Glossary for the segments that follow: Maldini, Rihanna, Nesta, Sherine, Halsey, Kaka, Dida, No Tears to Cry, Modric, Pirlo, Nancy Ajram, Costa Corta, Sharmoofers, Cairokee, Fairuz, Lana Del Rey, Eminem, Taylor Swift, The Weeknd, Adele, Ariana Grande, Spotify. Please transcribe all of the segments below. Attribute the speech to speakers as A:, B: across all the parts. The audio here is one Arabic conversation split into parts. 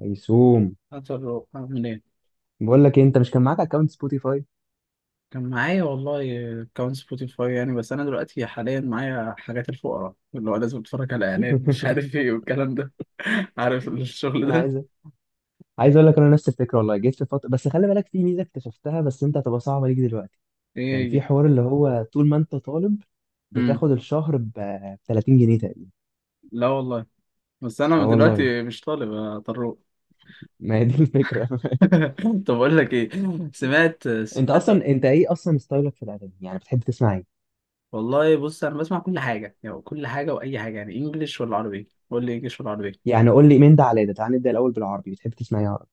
A: هيسوم،
B: هات الروق عامل ايه؟
A: بقول لك إيه، انت مش كان معاك اكونت سبوتيفاي؟
B: كان معايا والله. اكونت سبوتيفاي يعني، بس انا دلوقتي حاليا معايا حاجات الفقراء، اللي هو لازم اتفرج على اعلان مش عارف ايه والكلام ده. عارف الشغل
A: انا
B: ده؟
A: عايز عايز اقول لك انا نفس الفكره، والله جيت في فتره، بس خلي بالك في ميزه اكتشفتها بس انت هتبقى صعبه ليك دلوقتي. كان
B: ايه
A: في
B: هي؟
A: حوار اللي هو طول ما انت طالب
B: امم.
A: بتاخد الشهر ب 30 جنيه تقريبا.
B: لا والله. بس انا
A: اه والله.
B: دلوقتي مش طالب يا طروق.
A: ما هي دي الفكره.
B: طب اقول لك ايه. سمعت سمعت.
A: انت ايه اصلا ستايلك في الاغاني؟ يعني بتحب تسمع ايه؟
B: والله بص، انا بسمع كل حاجه يعني، كل حاجه واي حاجه، يعني انجلش ولا عربي؟ قول لي انجلش ولا عربي.
A: يعني قول لي من ده على ده، تعال نبدا الاول بالعربي، بتحب تسمع ايه عربي؟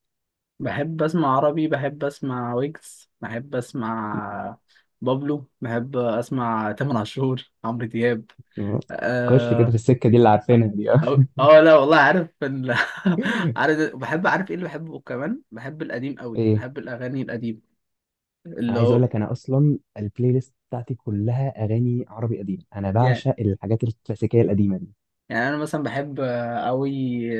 B: بحب اسمع عربي، بحب اسمع ويجز، بحب اسمع بابلو، بحب اسمع تامر عاشور عمرو دياب.
A: خش كده في
B: اه.
A: السكه دي اللي عارفينها دي. اه،
B: لا والله، عارف ال... عارف بحب، عارف ايه اللي بحبه كمان، بحب القديم قوي،
A: ايه.
B: بحب الاغاني القديم
A: انا
B: اللي
A: عايز
B: هو.
A: اقول لك انا اصلا البلاي ليست بتاعتي كلها اغاني عربي قديم، انا
B: يعني
A: بعشق الحاجات الكلاسيكيه القديمه دي.
B: يعني انا مثلا بحب قوي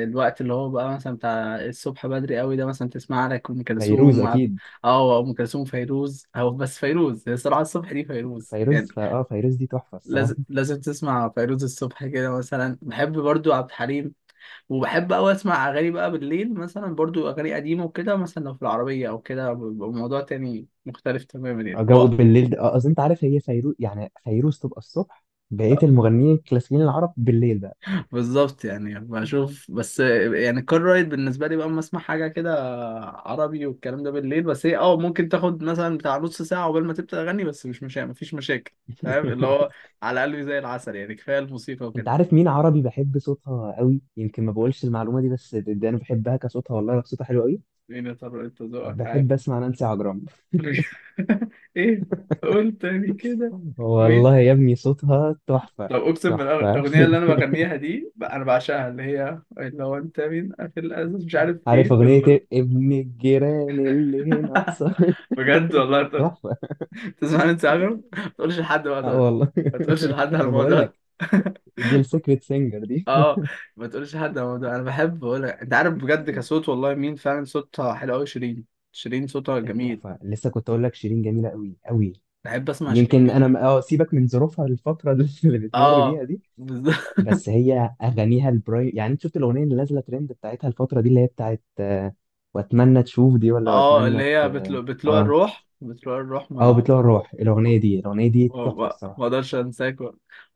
B: الوقت اللي هو بقى مثلا بتاع الصبح بدري قوي ده، مثلا تسمع لك ام
A: فيروز
B: كلثوم
A: اكيد.
B: اه ام كلثوم فيروز، او بس فيروز هي الصراحه الصبح دي، فيروز يعني.
A: فيروز فا اه فيروز دي تحفه الصراحه.
B: لازم لازم تسمع فيروز الصبح كده، مثلا بحب برضو عبد الحليم. وبحب أوي أسمع أغاني بقى بالليل، مثلا برضو أغاني قديمة وكده، مثلا لو في العربية أو كده بيبقى الموضوع تاني مختلف تماما يعني
A: جو
B: هو.
A: بالليل ده. اه اصل انت عارف هي فيروز، يعني فيروز تبقى الصبح، بقيه المغنيين الكلاسيكيين العرب بالليل بقى.
B: بالظبط يعني، بشوف بس، يعني كار رايد بالنسبة لي بقى أما أسمع حاجة كده عربي والكلام ده بالليل. بس هي أه ممكن تاخد مثلا بتاع نص ساعة قبل ما تبدأ أغني، بس مش مفيش مشاكل. فاهم اللي هو على قلبي زي العسل يعني، كفاية الموسيقى
A: انت
B: وكده.
A: عارف مين عربي بحب صوتها قوي؟ يمكن ما بقولش المعلومه دي، بس ده انا بحبها كصوتها، والله صوتها حلو قوي.
B: مين يا ترى؟ أنت ذوقك عارف.
A: بحب اسمع نانسي عجرم.
B: مش- ايه، قول تاني كده. مين؟
A: والله يا ابني صوتها تحفه.
B: طب اقسم
A: تحفه.
B: الاغنيه اللي انا بغنيها دي بقى، انا بعشقها، اللي هي اللي هو انت مين في الازاز مش عارف
A: عارف
B: ايه في
A: اغنية
B: ال...
A: إيه؟ ابن الجيران اللي هنا قصر.
B: بجد والله. طب
A: تحفة.
B: تسمعني انت، عجب ما تقولش لحد بقى
A: اه
B: طارق.
A: والله.
B: ما تقولش لحد على
A: انا بقول
B: الموضوع ده.
A: لك، دي السيكريت سينجر دي.
B: اه، ما تقولش لحد على الموضوع. انا بحب بقول لك، انت عارف بجد كصوت، والله مين فعلا صوتها حلو قوي، شيرين. شيرين صوتها جميل.
A: تحفة. لسه كنت اقول لك شيرين جميلة قوي قوي.
B: بحب اسمع شيرين
A: يمكن انا
B: جدا.
A: سيبك من ظروفها الفترة اللي بتمر بيها
B: اه.
A: دي.
B: بالظبط.
A: بس هي اغانيها البرايم، يعني انت شفت الاغنية اللي نازلة ترند بتاعتها الفترة دي اللي هي بتاعت واتمنى تشوف دي، ولا
B: اه اللي
A: واتمنى
B: هي بتلوع
A: اه
B: الروح، بتلوع الروح
A: اه
B: ما،
A: بتلوع الروح. الاغنية دي
B: ما
A: تحفة
B: ما
A: الصراحة.
B: اقدرش انساك.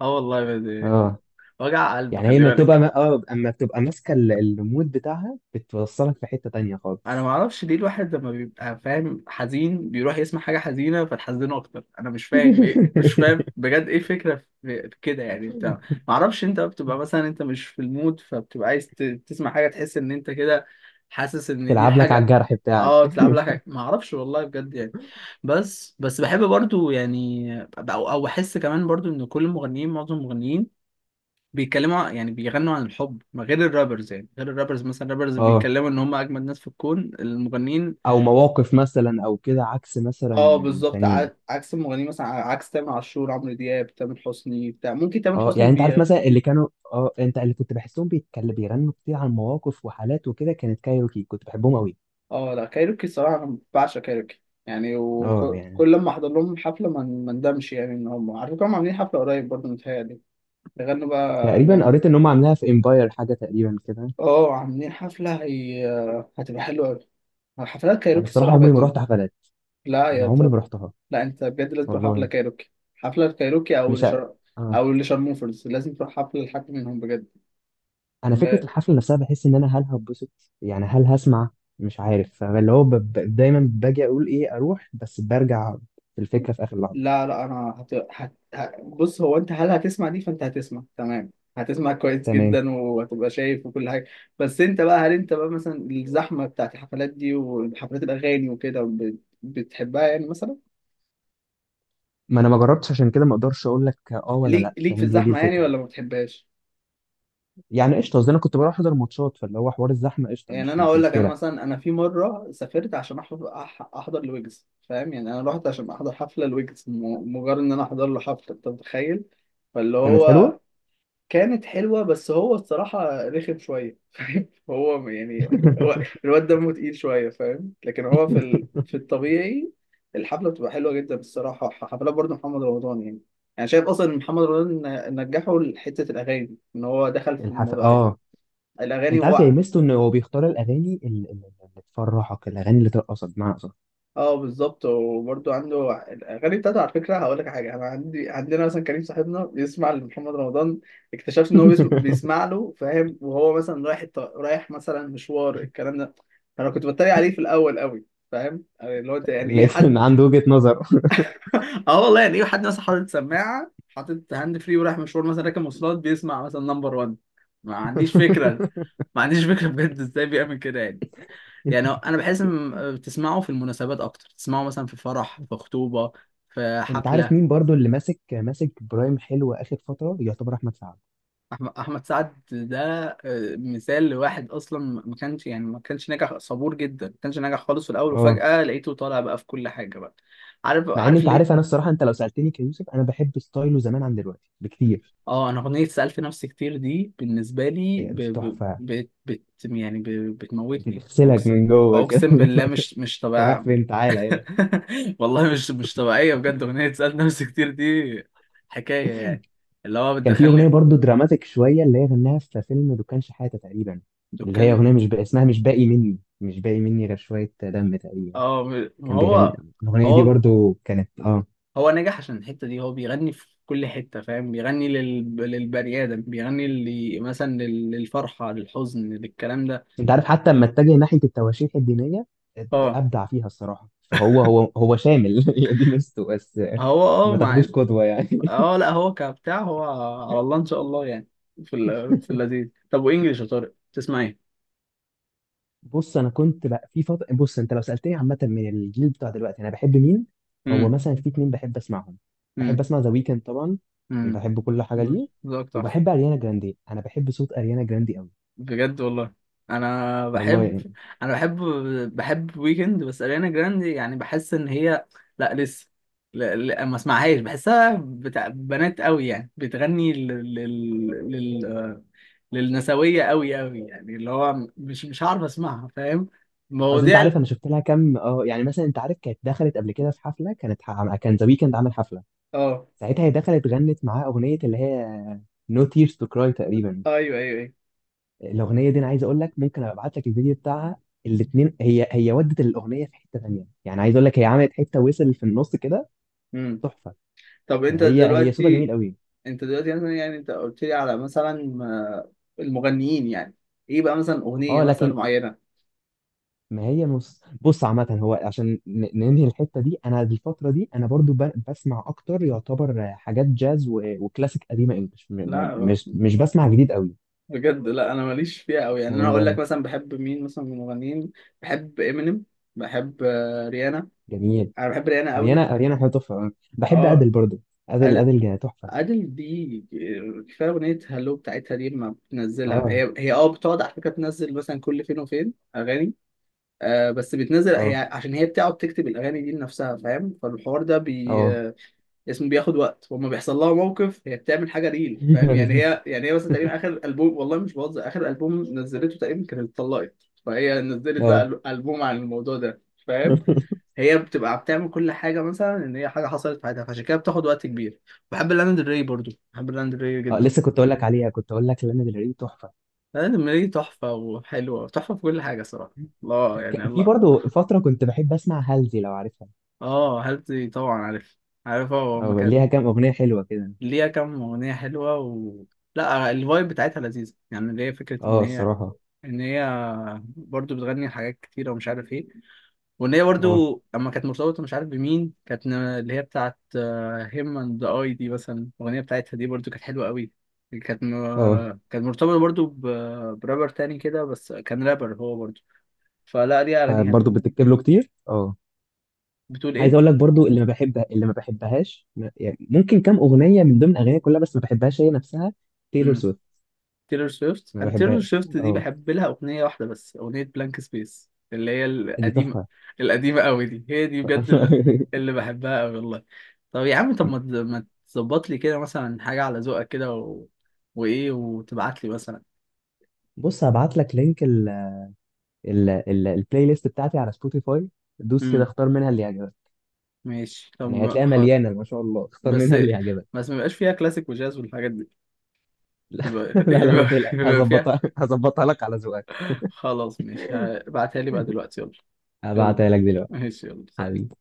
B: اه والله ب-
A: اه
B: وجع قلب،
A: يعني هي
B: خلي
A: ما بتبقى
B: بالك.
A: ما... اه اما بتبقى ماسكه المود بتاعها، بتوصلك في حته تانية
B: انا ما
A: خالص.
B: اعرفش ليه الواحد لما بيبقى فاهم حزين بيروح يسمع حاجه حزينه فتحزنه اكتر، انا مش فاهم، ايه مش فاهم بجد، ايه الفكره؟ في كده يعني. انت ما اعرفش انت بتبقى مثلا انت مش في المود، فبتبقى عايز تسمع حاجه تحس ان انت كده، حاسس ان دي
A: تلعب لك على
B: الحاجه.
A: الجرح
B: اه
A: بتاعك.
B: تلعب لها حاجه، ما اعرفش والله بجد يعني. بس بس بحب برضو يعني، او احس كمان برضو ان كل المغنيين، معظم المغنيين بيتكلموا، يعني بيغنوا عن الحب، ما غير الرابرز يعني، غير الرابرز مثلا الرابرز
A: اه،
B: بيتكلموا ان هم اجمد ناس في الكون، المغنيين.
A: او مواقف مثلا او كده عكس
B: اه
A: مثلا.
B: بالظبط،
A: التانيين.
B: عكس المغنيين مثلا، عكس تامر عاشور عمرو دياب تامر حسني بتاع، ممكن تامر
A: اه
B: حسني
A: يعني انت عارف
B: بي.
A: مثلا، اللي كانوا اه انت اللي كنت بحسهم بيتكلم، بيغنوا كتير عن مواقف وحالات وكده، كانت كايروكي، كنت بحبهم قوي.
B: اه لا كايروكي، الصراحه انا بعشق كايروكي يعني،
A: اه يعني
B: وكل لما احضر لهم حفله ما ما ندمش يعني. ان هم على فكره هم عاملين حفله قريب برضه متهيألي. بيغنوا بقى
A: تقريبا
B: اغاني.
A: قريت ان هم عاملاها في امباير حاجه تقريبا كده.
B: اه عاملين حفله، هي هتبقى حلوه قوي. حفلات
A: انا
B: كايروكي
A: الصراحه
B: الصراحه
A: عمري
B: بقت.
A: ما رحت حفلات.
B: لا
A: انا
B: يا
A: عمري ما
B: صبر.
A: رحتها.
B: لا انت بجد لازم تروح حفله
A: والله
B: كايروكي، حفله كايروكي
A: مش ع- آه.
B: او لشارموفرز. لازم تروح حفله لحد منهم بجد.
A: انا
B: لا
A: فكره الحفله نفسها بحس ان انا، هل هتبسط؟ يعني هل هسمع؟ مش عارف، فاللي هو ب... ب... دايما باجي اقول ايه اروح بس برجع الفكره في اخر لحظه.
B: لا، لا، انا بص، هو انت هل هتسمع دي؟ فانت هتسمع تمام، هتسمع كويس
A: تمام.
B: جدا وهتبقى شايف وكل حاجه. بس انت بقى هل انت بقى مثلا الزحمه بتاعت الحفلات دي وحفلات الاغاني وكده بتحبها يعني مثلا،
A: ما انا ما جربتش عشان كده، ما اقدرش اقول لك اه ولا
B: ليك
A: لا،
B: ليك في
A: فاهم، هي دي
B: الزحمه يعني،
A: الفكره.
B: ولا ما بتحبهاش؟
A: يعني قشطه، قصدي انا كنت بروح احضر ماتشات، فاللي هو حوار الزحمه قشطه،
B: يعني
A: مش
B: انا
A: مش
B: اقول لك، انا
A: مشكله.
B: مثلا انا في مره سافرت عشان أحضر احضر الويجز، فاهم يعني انا رحت عشان احضر حفله الويجز، مجرد ان انا احضر له حفله، انت متخيل. فاللي
A: كانت
B: هو
A: حلوه.
B: كانت حلوه، بس هو الصراحه رخم شويه فاهم. هو يعني، هو- الواد دمه تقيل شويه فاهم، لكن هو في ال... في الطبيعي الحفله بتبقى حلوه جدا الصراحه. حفلات برضه محمد رمضان يعني، انا شايف اصلا إن محمد رمضان نجحه لحته الاغاني، ان هو دخل في
A: الحفله
B: الموضوع ده.
A: اه.
B: الاغاني
A: انت عارف يا
B: وهو.
A: ميزته ان هو بيختار الاغاني اللي تفرحك، الاغاني اللي ترقصك بمعنى اصح.
B: اه بالظبط. وبرده عنده الاغاني بتاعته، على فكره هقول لك حاجه، انا عندي عندنا مثلا كريم صاحبنا بيسمع لمحمد رمضان، اكتشفت ان هو بيسمع له فاهم، وهو مثلا رايح رايح مثلا مشوار الكلام ده. فانا كنت بتريق عليه في الاول قوي فاهم، يعني اللي هو انت يعني ايه
A: لقيت
B: حد؟
A: ان عنده وجهه نظر.
B: اه والله، يعني ايه حد مثلا حاطط سماعه، حاطط هاند فري، ورايح مشوار مثلا، راكب مواصلات، بيسمع مثلا نمبر 1؟ ما عنديش فكره، ما عنديش فكره بجد ازاي بيعمل كده يعني. يعني انا بحس ان بتسمعه في المناسبات اكتر، تسمعه مثلا في فرح، في خطوبه، في
A: انت عارف
B: حفله.
A: مين برضو اللي ماسك برايم حلو اخر فتره؟ يعتبر احمد سعد.
B: احمد سعد ده مثال لواحد اصلا ما كانش يعني، ما كانش ناجح صبور جدا، ما كانش ناجح خالص في الاول،
A: اه،
B: وفجاه لقيته طالع بقى في كل حاجه بقى. عارف
A: مع ان
B: عارف
A: انت عارف،
B: ليه.
A: انا الصراحه انت لو سالتني كيوسف، انا بحب ستايله زمان عن دلوقتي بكتير.
B: اه انا اغنيه سالت نفسي كتير دي بالنسبه لي ب...
A: يعني
B: ب...
A: تحفه.
B: بت... بت... يعني ب... بتموتني،
A: بتغسلك
B: اقسم،
A: من جوه كده.
B: اقسم بالله مش مش
A: انت رايح
B: طبيعي.
A: فين؟ تعالى هنا.
B: والله مش مش طبيعية بجد، أغنية سألت نفسي كتير دي حكاية يعني، اللي هو
A: كان في اغنيه
B: بتدخلني.
A: برضو دراماتيك شويه، اللي هي غناها في فيلم دكان شحاته تقريبا، اللي هي
B: دكان.
A: اغنيه مش بقى اسمها، مش باقي مني غير شويه دم تقريبا،
B: اه ما
A: كان بيغني.
B: هو،
A: الاغنيه دي
B: هو
A: برضو كانت
B: هو نجح عشان الحتة دي، هو بيغني في كل حتة فاهم، بيغني للبني آدم، بيغني اللي مثلا للفرحة، للحزن، للكلام ده.
A: انت عارف حتى لما اتجه ناحيه التواشيح الدينيه
B: اه
A: ابدع فيها الصراحه. فهو هو هو شامل. هي دي ميزته بس،
B: هو، اه
A: ما
B: مع
A: تاخدوش قدوه يعني.
B: اه لا هو كبتاع هو، على الله إن شاء الله يعني. في ال... في اللذيذ. طب وإنجلش يا طارق تسمع إيه؟
A: بص، انا كنت بقى في فتره بص انت لو سالتني عامه من الجيل بتاع دلوقتي انا بحب مين؟ هو
B: امم.
A: مثلا في اتنين بحب اسمعهم. بحب
B: امم.
A: اسمع ذا ويكند طبعا.
B: امم.
A: بحب كل حاجه ليه.
B: ذوقك تحفة.
A: وبحب اريانا جراندي، انا بحب صوت اريانا جراندي قوي.
B: بجد والله. انا
A: والله
B: بحب،
A: يعني.
B: انا بحب، بحب ويكند، بس اريانا جراندي يعني بحس ان هي، لا لسه، لا لا ما اسمعهاش، بحسها بتاع بنات قوي يعني، بتغني لل... لل... لل... آه، للنسوية قوي قوي، يعني اللي هو مش مش عارف اسمعها فاهم.
A: اصل انت
B: مواضيع
A: عارف، انا شفت لها كام يعني. مثلا انت عارف كانت دخلت قبل كده في حفله، كان ذا ويكند عامل حفله.
B: اه.
A: ساعتها هي دخلت غنت معاه اغنيه اللي هي No Tears to Cry تقريبا.
B: ايوه ايوه ايوه.
A: الاغنيه دي انا عايز اقول لك، ممكن ابقى ابعت لك الفيديو بتاعها. الاثنين هي ودت الاغنيه في حته ثانيه، يعني عايز اقول لك هي عملت حته وصل في النص كده.
B: امم.
A: تحفه.
B: طب انت
A: فهي صوتها جميل
B: دلوقتي،
A: قوي.
B: انت دلوقتي مثلا يعني انت قلت لي على مثلا المغنيين يعني، ايه بقى مثلا اغنية
A: اه،
B: مثلا
A: لكن
B: معينة؟
A: ما هي مص... بص عامه، هو عشان ننهي الحته دي، انا الفتره دي انا برضو ب... بسمع اكتر يعتبر حاجات جاز وكلاسيك قديمه انجلش، م... م-
B: لا
A: مش مش بسمع جديد قوي.
B: بجد لا، انا ماليش فيها قوي يعني. انا اقول لك
A: والله
B: مثلا بحب مين مثلا من المغنيين، بحب امينيم، بحب ريانا،
A: جميل.
B: انا بحب ريانا قوي.
A: اريانا حاجه تحفه. بحب ادل
B: اه
A: برضو. ادل
B: أد-
A: ادل جا- تحفه.
B: ادل دي، كفايه اغنيه هالو بتاعتها دي، ما بتنزلها
A: اه،
B: هي، هي اه بتقعد على فكره تنزل مثلا كل فين وفين اغاني. آه، بس بتنزل هي
A: اه،
B: عشان هي بتقعد تكتب الاغاني دي لنفسها فاهم، فالحوار ده بي
A: اه.
B: اسم بياخد وقت، وما بيحصل لها موقف هي بتعمل حاجه ريل فاهم يعني. هي يعني، هي مثلا تقريبا اخر البوم، والله مش بهزر، اخر البوم نزلته تقريبا كانت اتطلقت فهي نزلت
A: اه،
B: بقى البوم عن الموضوع ده فاهم. هي بتبقى بتعمل كل حاجه مثلا ان هي حاجه حصلت في حياتها فعشان كده بتاخد وقت كبير. بحب لانا دري برضو، بحب لانا دري
A: اه.
B: جدا.
A: لسه كنت اقول لك عليها، كنت اقول لك لانا ديل ري تحفه.
B: لانا دري تحفه، وحلوه تحفه في كل حاجه صراحه. الله يعني
A: في
B: الله.
A: برضو فتره كنت بحب اسمع هالزي لو عارفها.
B: اه هل طبعا عارف، عارف هو
A: اه،
B: المكان.
A: ليها كام اغنيه حلوه كده.
B: ليها كام أغنية حلوة و... لا الفايب بتاعتها لذيذة يعني، اللي هي فكرة إن
A: اه،
B: هي،
A: الصراحه.
B: إن هي برضو بتغني حاجات كتيرة ومش عارف إيه، وإن هي
A: اه،
B: برضو لما كانت مرتبطة مش عارف بمين، كانت اللي هي بتاعت هيم أند أي دي مثلا، الأغنية بتاعتها دي برضو كانت حلوة قوي. كانت
A: اه،
B: كانت مرتبطة برضو برابر تاني كده، بس كان رابر هو برضو. فلا، ليها أغاني
A: برضه
B: حلوة.
A: بتكتب له كتير. اه،
B: بتقول
A: عايز اقول لك برضو، اللي ما بحبهاش، يعني ممكن كام اغنيه من ضمن اغانيها كلها بس ما بحبهاش هي نفسها. تايلور
B: إيه؟
A: سويفت.
B: تيلر سويفت.
A: ما
B: انا تيلر
A: بحبهاش
B: سويفت دي
A: اه.
B: بحب لها اغنيه واحده بس، اغنيه بلانك سبيس اللي هي
A: دي
B: القديمه،
A: تحفه.
B: القديمه قوي دي هي دي بجد اللي بحبها قوي والله. طب يا عم، طب ما تظبط لي كده مثلا حاجه على ذوقك كده و... وايه، وتبعت لي مثلا.
A: بص، هبعت لك لينك ال ال ال البلاي ليست بتاعتي على سبوتيفاي. دوس كده
B: امم.
A: اختار منها اللي يعجبك.
B: ماشي
A: يعني
B: طب
A: هتلاقيها
B: خلاص.
A: مليانة ما شاء الله. اختار
B: بس
A: منها اللي يعجبك.
B: بس ما يبقاش فيها كلاسيك وجاز والحاجات دي،
A: لا،
B: يبقى
A: لا، لا، ما تقلقش،
B: يبقى فيها.
A: هظبطها لك على ذوقك.
B: خلاص ماشي، ابعتها لي بقى دلوقتي يلا. يلا
A: هبعتها لك دلوقتي.
B: ماشي يلا، سلام.
A: حبيبي.